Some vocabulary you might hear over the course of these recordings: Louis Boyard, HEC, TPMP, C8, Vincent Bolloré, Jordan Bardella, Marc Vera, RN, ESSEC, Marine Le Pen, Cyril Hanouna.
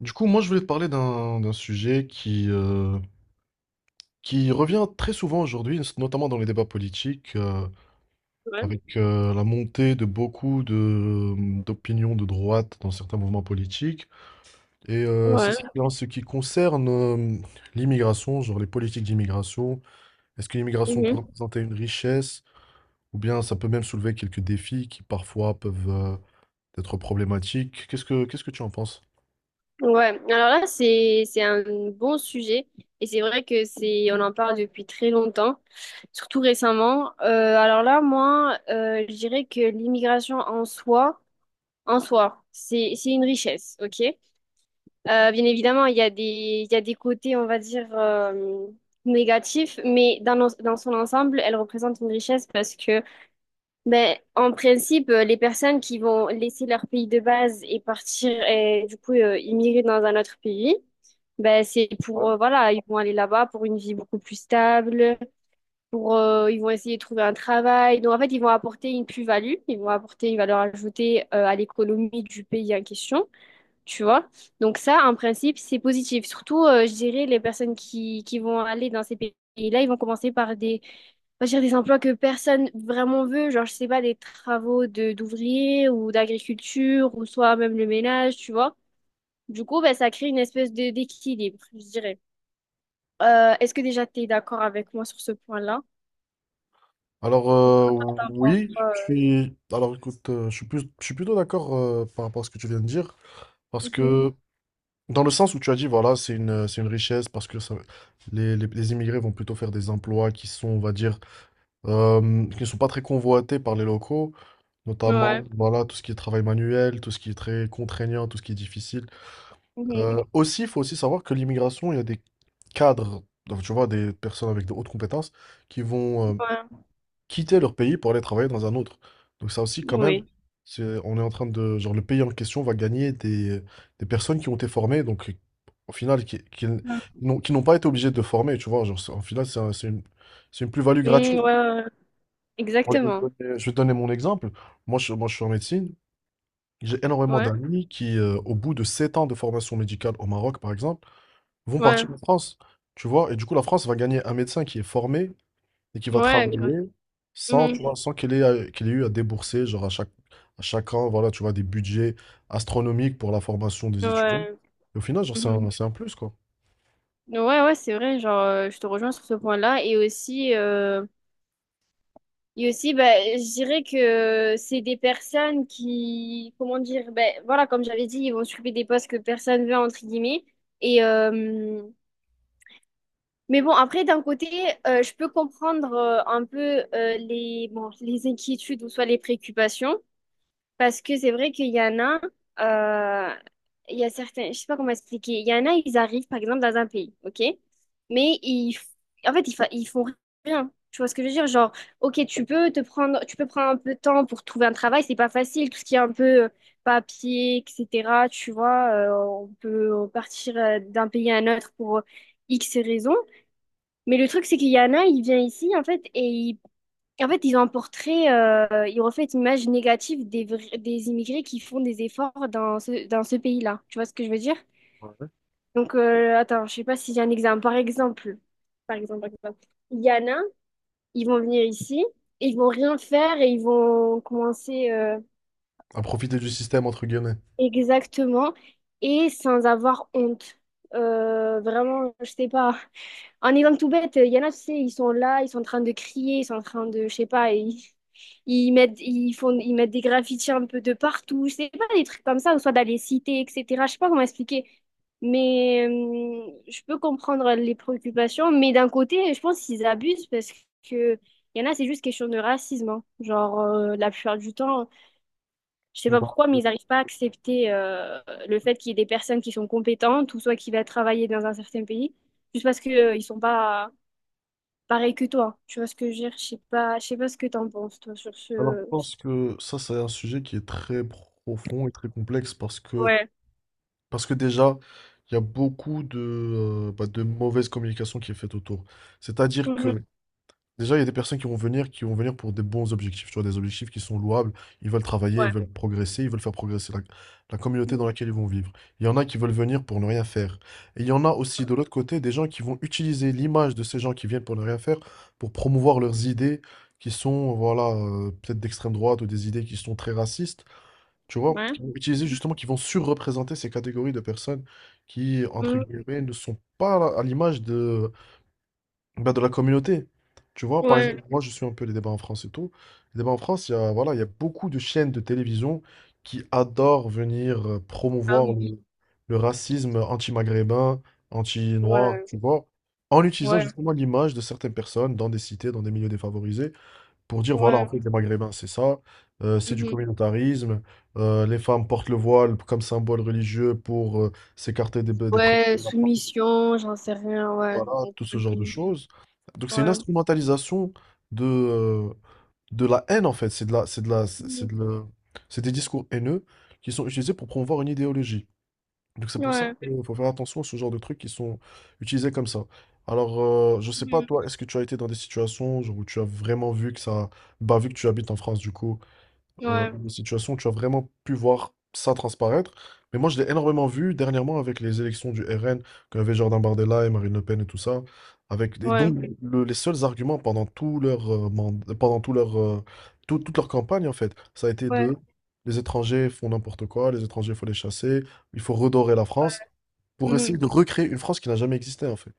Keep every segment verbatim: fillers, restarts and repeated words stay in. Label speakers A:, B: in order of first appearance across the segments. A: Du coup, moi, je voulais te parler d'un d'un sujet qui, euh, qui revient très souvent aujourd'hui, notamment dans les débats politiques, euh,
B: Ouais,
A: avec euh, la montée de beaucoup de, mmh, d'opinions de droite dans certains mouvements politiques. Et euh, c'est
B: ouais,
A: c'est en ce qui concerne euh, l'immigration, genre les politiques d'immigration. Est-ce que l'immigration peut
B: mhm.
A: représenter une richesse ou bien ça peut même soulever quelques défis qui parfois peuvent euh, être problématiques? Qu'est-ce que, qu'est-ce que tu en penses?
B: Ouais. Alors là, c'est c'est un bon sujet et c'est vrai que c'est on en parle depuis très longtemps, surtout récemment. Euh, alors là, moi, euh, je dirais que l'immigration en soi, en soi, c'est c'est une richesse, ok? Euh, bien évidemment, il y a des il y a des côtés, on va dire euh, négatifs, mais dans nos- dans son ensemble, elle représente une richesse parce que ben, en principe, euh, les personnes qui vont laisser leur pays de base et partir et du coup euh, immigrer dans un autre pays, ben c'est pour euh, voilà, ils vont aller là-bas pour une vie beaucoup plus stable, pour euh, ils vont essayer de trouver un travail. Donc en fait, ils vont apporter une plus-value, ils vont apporter une valeur ajoutée euh, à l'économie du pays en question, tu vois. Donc ça, en principe, c'est positif. Surtout, euh, je dirais, les personnes qui, qui vont aller dans ces pays-là, ils vont commencer par des, on va dire, des emplois que personne vraiment veut, genre, je sais pas, des travaux de d'ouvriers ou d'agriculture, ou soit même le ménage, tu vois. Du coup, ben, ça crée une espèce de d'équilibre, je dirais. Euh, est-ce que déjà tu es d'accord avec moi sur ce point-là?
A: Alors euh,
B: T'en penses
A: oui,
B: quoi,
A: je suis. Alors écoute, euh, je suis plus, je suis plutôt d'accord euh, par rapport à ce que tu viens de dire, parce
B: euh
A: que dans le sens où tu as dit voilà, c'est une, c'est une richesse parce que ça- les, les- les immigrés vont plutôt faire des emplois qui sont, on va dire, euh, qui ne sont pas très convoités par les locaux,
B: Mhm.
A: notamment
B: Ouais.
A: voilà tout ce qui est travail manuel, tout ce qui est très contraignant, tout ce qui est difficile.
B: Mhm.
A: Euh, aussi, il faut aussi savoir que l'immigration, il y a des cadres, donc, tu vois, des personnes avec de hautes compétences qui vont euh,
B: Ouais.
A: quitter leur pays pour aller travailler dans un autre. Donc ça aussi, quand même,
B: Oui.
A: c'est, on est en train de, genre, le pays en question va gagner des, des personnes qui ont été formées, donc au final, qui, qui n-
B: Mm,
A: n'ont qui n'ont pas été obligés de former, tu vois. Genre, c'est- au final, c'est un- c'est une, c'est une plus-value gratuite.
B: ouais, ouais, ouais.
A: Moi, je vais te
B: Exactement.
A: donner, je vais te donner mon exemple. Moi, je, moi, je suis en médecine. J'ai énormément
B: Ouais,
A: d'amis qui, euh, au bout de sept ans de formation médicale au Maroc, par exemple, vont
B: ouais,
A: partir en France, tu vois. Et du coup, la France va gagner un médecin qui est formé et qui va
B: ouais.
A: travailler sans, tu vois, sans qu'il ait, à- qu'il ait eu à débourser, genre à chaque, à chaque an, voilà, tu vois, des budgets astronomiques pour la formation des étudiants.
B: Ouais,
A: Et au final, genre, c'est
B: mhm.
A: un, c'est un plus, quoi.
B: Ouais, ouais, c'est vrai, genre, euh, je te rejoins sur ce point-là. Et aussi, euh, et aussi bah, je dirais que c'est des personnes qui, comment dire, ben voilà, comme j'avais dit, ils vont s'occuper des postes que personne veut, entre guillemets. Et, euh, mais bon, après, d'un côté, euh, je peux comprendre euh, un peu euh, les, bon, les inquiétudes ou soit les préoccupations. Parce que c'est vrai qu'il y en a, euh, il y a certains, je sais pas comment expliquer, il y en a, ils arrivent par exemple dans un pays, ok? Mais ils, f- en fait, ils, fa- ils font rien. Tu vois ce que je veux dire? Genre, ok, tu peux te prendre, tu peux prendre un peu de temps pour trouver un travail, c'est pas facile, tout ce qui est un peu euh, papier, et cetera. Tu vois, euh, on peut partir euh, d'un pays à un autre pour X raisons. Mais le truc, c'est qu'il y en a, ils viennent ici, en fait, et et en fait, ils ont un portrait, euh, ils reflètent une image négative des, vrais- des immigrés qui font des efforts dans ce, dans ce pays-là. Tu vois ce que je veux dire? Donc, euh, attends, je sais pas si j'ai un exemple. Par exemple, par exemple, par exemple, il y en a, ils vont venir ici, et ils vont rien faire et ils vont commencer euh,
A: À profiter du système, entre guillemets.
B: exactement et sans avoir honte. Euh, vraiment, je sais pas. En exemple tout bête, il y en a, tu sais, ils sont là, ils sont en train de crier, ils sont en train de, je sais pas, ils, ils mettent, ils font, ils mettent des graffitis un peu de partout, je sais pas, des trucs comme ça, ou soit dans les cités, et cetera. Je sais pas comment expliquer. Mais euh, je peux comprendre les préoccupations, mais d'un côté, je pense qu'ils abusent parce que il y en a, c'est juste question de racisme, hein. Genre, euh, la plupart du temps, je sais pas
A: Bah,
B: pourquoi, mais
A: euh,
B: ils n'arrivent pas à accepter euh, le fait qu'il y ait des personnes qui sont compétentes ou soit qui va travailler dans un certain pays, juste parce que euh, ils sont pas pareil que toi, tu vois ce que je veux dire? Je sais pas, je sais pas ce que t'en penses, toi, sur
A: alors, je
B: ce...
A: pense que ça, c'est un sujet qui est très profond et très complexe parce que,
B: Ouais.
A: parce que déjà, il y a beaucoup de, euh, bah, de mauvaise communication qui est faite autour. C'est-à-dire
B: Mhm.
A: que déjà, il y a des personnes qui vont venir, qui vont venir pour des bons objectifs, tu vois, des objectifs qui sont louables. Ils veulent travailler, ils
B: Ouais.
A: veulent progresser, ils veulent faire progresser la, la communauté dans laquelle ils vont vivre. Il y en a qui veulent venir pour ne rien faire. Et il y en a aussi, de l'autre côté, des gens qui vont utiliser l'image de ces gens qui viennent pour ne rien faire pour promouvoir leurs idées qui sont, voilà, euh, peut-être d'extrême droite ou des idées qui sont très racistes, tu vois,
B: Ouais.
A: qui vont utiliser justement, qui vont surreprésenter ces catégories de personnes qui, entre
B: Mhm.
A: guillemets, ne sont pas à l'image de bah, de la communauté. Tu vois, par
B: Ouais.
A: exemple, moi je suis un peu les débats en France et tout. Les débats en France, il y a, voilà, il y a beaucoup de chaînes de télévision qui adorent venir euh,
B: Ah
A: promouvoir
B: oui.
A: le, le racisme anti-maghrébin, anti-noir,
B: Ouais.
A: tu vois, en utilisant
B: Ouais.
A: justement l'image de certaines personnes dans des cités, dans des milieux défavorisés, pour dire, voilà, en
B: Ouais.
A: fait, les maghrébins, c'est ça, euh, c'est du
B: Mhm.
A: communautarisme, euh, les femmes portent le voile comme symbole religieux pour euh, s'écarter des, des préjugés
B: Ouais,
A: de la France.
B: soumission, j'en sais rien, ouais.
A: Voilà, tout ce genre de
B: Mhm.
A: choses. Donc c'est une
B: Ouais.
A: instrumentalisation de, euh, de la haine en fait. C'est de la, c'est de la, c'est c'est
B: Mhm.
A: de la- c'est des discours haineux qui sont utilisés pour promouvoir une idéologie. Donc c'est pour ça
B: Ouais.
A: qu'il faut faire attention à ce genre de trucs qui sont utilisés comme ça. Alors euh, je sais pas
B: Mhm.
A: toi, est-ce que tu as été dans des situations genre, où tu as vraiment vu que ça, bah vu que tu habites en France du coup, euh,
B: Ouais.
A: des situations où tu as vraiment pu voir ça transparaître. Mais moi, je l'ai énormément vu dernièrement avec les élections du R N, quand il y avait Jordan Bardella et Marine Le Pen et tout ça. Avec, et
B: Ouais.
A: donc, le- les seuls arguments pendant tout leur, euh, mand- pendant tout leur, euh, tout- toute leur campagne, en fait, ça a été
B: Ouais.
A: de les étrangers font n'importe quoi, les étrangers, il faut les chasser, il faut redorer la France pour
B: Mhm.
A: essayer de recréer une France qui n'a jamais existé, en fait.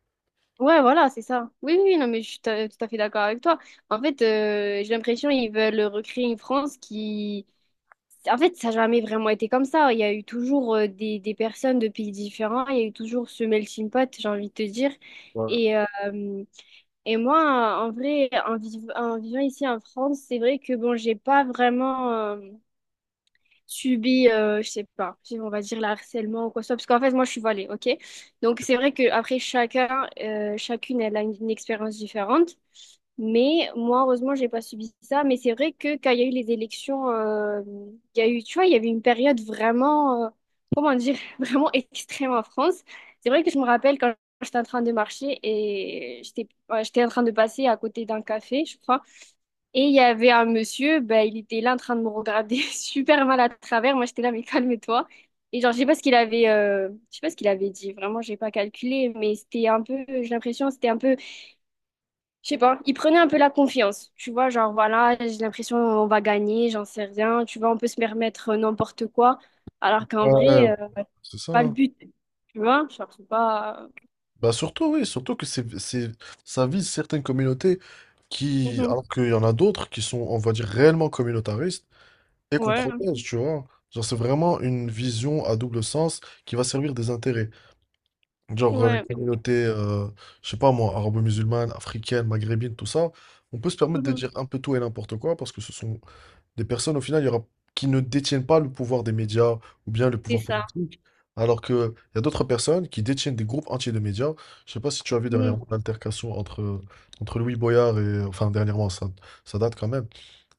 B: Ouais, voilà, c'est ça. Oui, oui, non, mais je suis ta- tout à fait d'accord avec toi. En fait, euh, j'ai l'impression qu'ils veulent recréer une France qui, en fait, ça n'a jamais vraiment été comme ça. Il y a eu toujours euh, des, des personnes de pays différents. Il y a eu toujours ce melting pot, j'ai envie de te dire.
A: Voilà.
B: Et, euh, et moi, en vrai, en, viv- en vivant ici en France, c'est vrai que bon, j'ai pas vraiment euh, subi, euh, je sais pas, si on va dire le harcèlement ou quoi que ce soit. Parce qu'en fait, moi, je suis voilée, ok? Donc, c'est vrai que après chacun, euh, chacune, elle a une, une expérience différente. Mais moi, heureusement, j'ai pas subi ça. Mais c'est vrai que quand il y a eu les élections, euh, il y a eu, tu vois, il y avait une période vraiment, euh, comment dire, vraiment extrême en France. C'est vrai que je me rappelle quand j'étais en train de marcher et j'étais, ouais, j'étais en train de passer à côté d'un café, je crois. Et il y avait un monsieur, ben, il était là en train de me regarder super mal à travers. Moi, j'étais là, mais calme-toi. Et genre, je sais pas ce qu'il avait, euh, je sais pas ce qu'il avait dit. Vraiment, j'ai pas calculé, mais c'était un peu, j'ai l'impression, c'était un peu je sais pas, il prenait un peu la confiance. Tu vois, genre voilà, j'ai l'impression on va gagner, j'en sais rien. Tu vois, on peut se permettre n'importe quoi. Alors qu'en
A: Ouais,
B: vrai, euh, c'est
A: c'est ça.
B: pas le
A: Hein.
B: but. Tu vois, genre c'est pas.
A: Bah surtout, oui, surtout que c'est, c'est, ça vise certaines communautés qui,
B: Mhm.
A: alors qu'il y en a d'autres qui sont, on va dire, réellement communautaristes et qu'on
B: Ouais,
A: protège, tu vois. Genre, c'est vraiment une vision à double sens qui va servir des intérêts. Genre, euh, les
B: ouais.
A: communautés, euh, je sais pas moi, arabo-musulmanes, africaines, maghrébines, tout ça, on peut se permettre de
B: Mhm.
A: dire un peu tout et n'importe quoi parce que ce sont des personnes au final il y aura, qui ne détiennent pas le pouvoir des médias ou bien le
B: C'est
A: pouvoir
B: ça.
A: politique, alors que il y a d'autres personnes qui détiennent des groupes entiers de médias. Je sais pas si tu as vu
B: Mhm.
A: dernièrement l'altercation entre, entre Louis Boyard et... Enfin, dernièrement, ça, ça date quand même.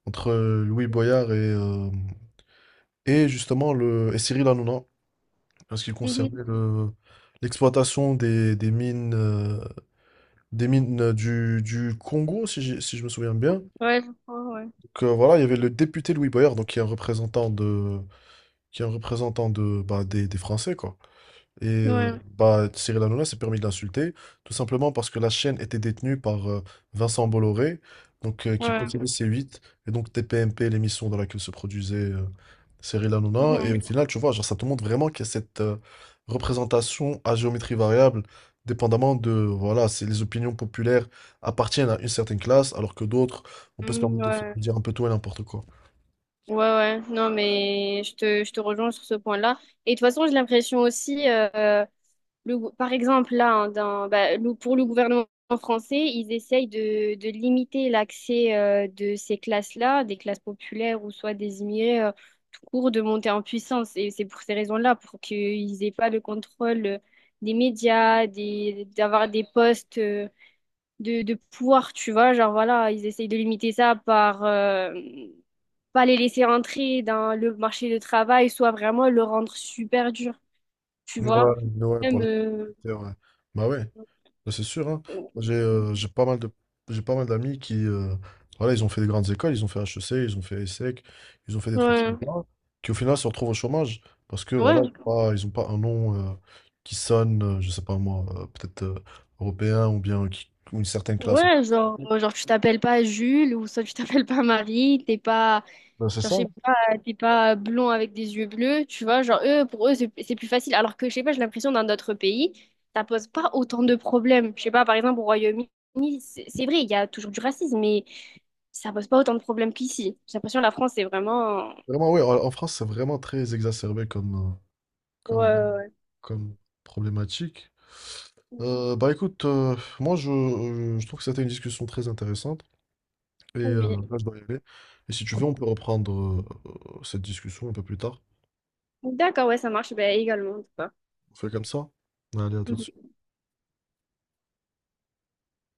A: Entre euh, Louis Boyard et, euh, et justement le, et Cyril Hanouna, en ce qui
B: Mhm.
A: concernait le... L'exploitation des, des mines, euh, des mines du, du Congo, si, j'ai- si je me souviens bien.
B: Ouais, je crois, ouais.
A: Donc, euh, voilà, il y avait le député Louis Boyard, donc qui est un représentant de, qui est un représentant de, bah, des, des Français, quoi. Et euh,
B: Ouais,
A: bah, Cyril Hanouna s'est permis de l'insulter, tout simplement parce que la chaîne était détenue par euh, Vincent Bolloré, donc, euh, qui
B: ouais.
A: possédait C huit, et donc T P M P, l'émission dans laquelle se produisait euh, Cyril Hanouna.
B: Mhm.
A: Et au final, tu vois, genre, ça te montre vraiment qu'il y a cette euh, représentation à géométrie variable, dépendamment de, voilà, c'est les opinions populaires appartiennent à une certaine classe, alors que d'autres, on peut se
B: Mhm.
A: permettre de faire-
B: Ouais.
A: de dire un peu tout et n'importe quoi.
B: Ouais, ouais. Non, mais je te, je te rejoins sur ce point-là. Et de toute façon, j'ai l'impression aussi. Le- par exemple, là, hein, dans- bah, le- pour le gouvernement français, ils essayent de, de limiter l'accès euh, de ces classes-là, des classes populaires ou soit des immigrés, euh, tout court, de monter en puissance. Et c'est pour ces raisons-là, pour qu'ils aient pas le contrôle euh, des médias, des, d'avoir des postes euh, de, de pouvoir, tu vois. Genre, voilà, ils essayent de limiter ça par... euh, pas les laisser entrer dans le marché du travail, soit vraiment le rendre super dur, tu
A: Ouais,
B: vois.
A: ouais, pour
B: Même,
A: la
B: euh,
A: petite terre, ouais. Bah ouais, ça, c'est sûr, hein.
B: Ouais,
A: Moi, J'ai euh, j'ai pas mal de j'ai pas mal d'amis qui euh, voilà, ils ont fait des grandes écoles, ils ont fait H E C, ils ont fait ESSEC, ils ont fait des trucs
B: ouais,
A: sympas, qui au final se retrouvent au chômage parce que voilà, ils ont pas, ils ont pas un nom euh, qui sonne, euh, je sais pas moi, euh, peut-être euh, européen ou bien qui- ou une certaine classe.
B: ouais, genre, euh, genre tu t'appelles pas Jules ou ça tu t'appelles pas Marie, t'es pas,
A: Ben, c'est
B: genre, je
A: ça. Hein.
B: sais pas, t'es pas blond avec des yeux bleus, tu vois, genre eux, pour eux c'est c'est plus facile, alors que je sais pas, j'ai l'impression dans d'autres pays, ça pose pas autant de problèmes, je sais pas, par exemple au Royaume-Uni, c'est c'est vrai, il y a toujours du racisme, mais ça pose pas autant de problèmes qu'ici, j'ai l'impression que la France c'est vraiment...
A: Vraiment, oui, en en France, c'est vraiment très exacerbé comme, euh,
B: Ouais,
A: comme,
B: ouais,
A: comme problématique.
B: ouais.
A: Euh, bah écoute, euh, moi je, euh, je trouve que c'était une discussion très intéressante et euh,
B: Oui.
A: là je dois y aller. Et si tu veux, on peut reprendre euh, cette discussion un peu plus tard.
B: D'accord, ouais, ça marche, bah, également, en tout cas.
A: On fait comme ça. Allez, à tout de suite.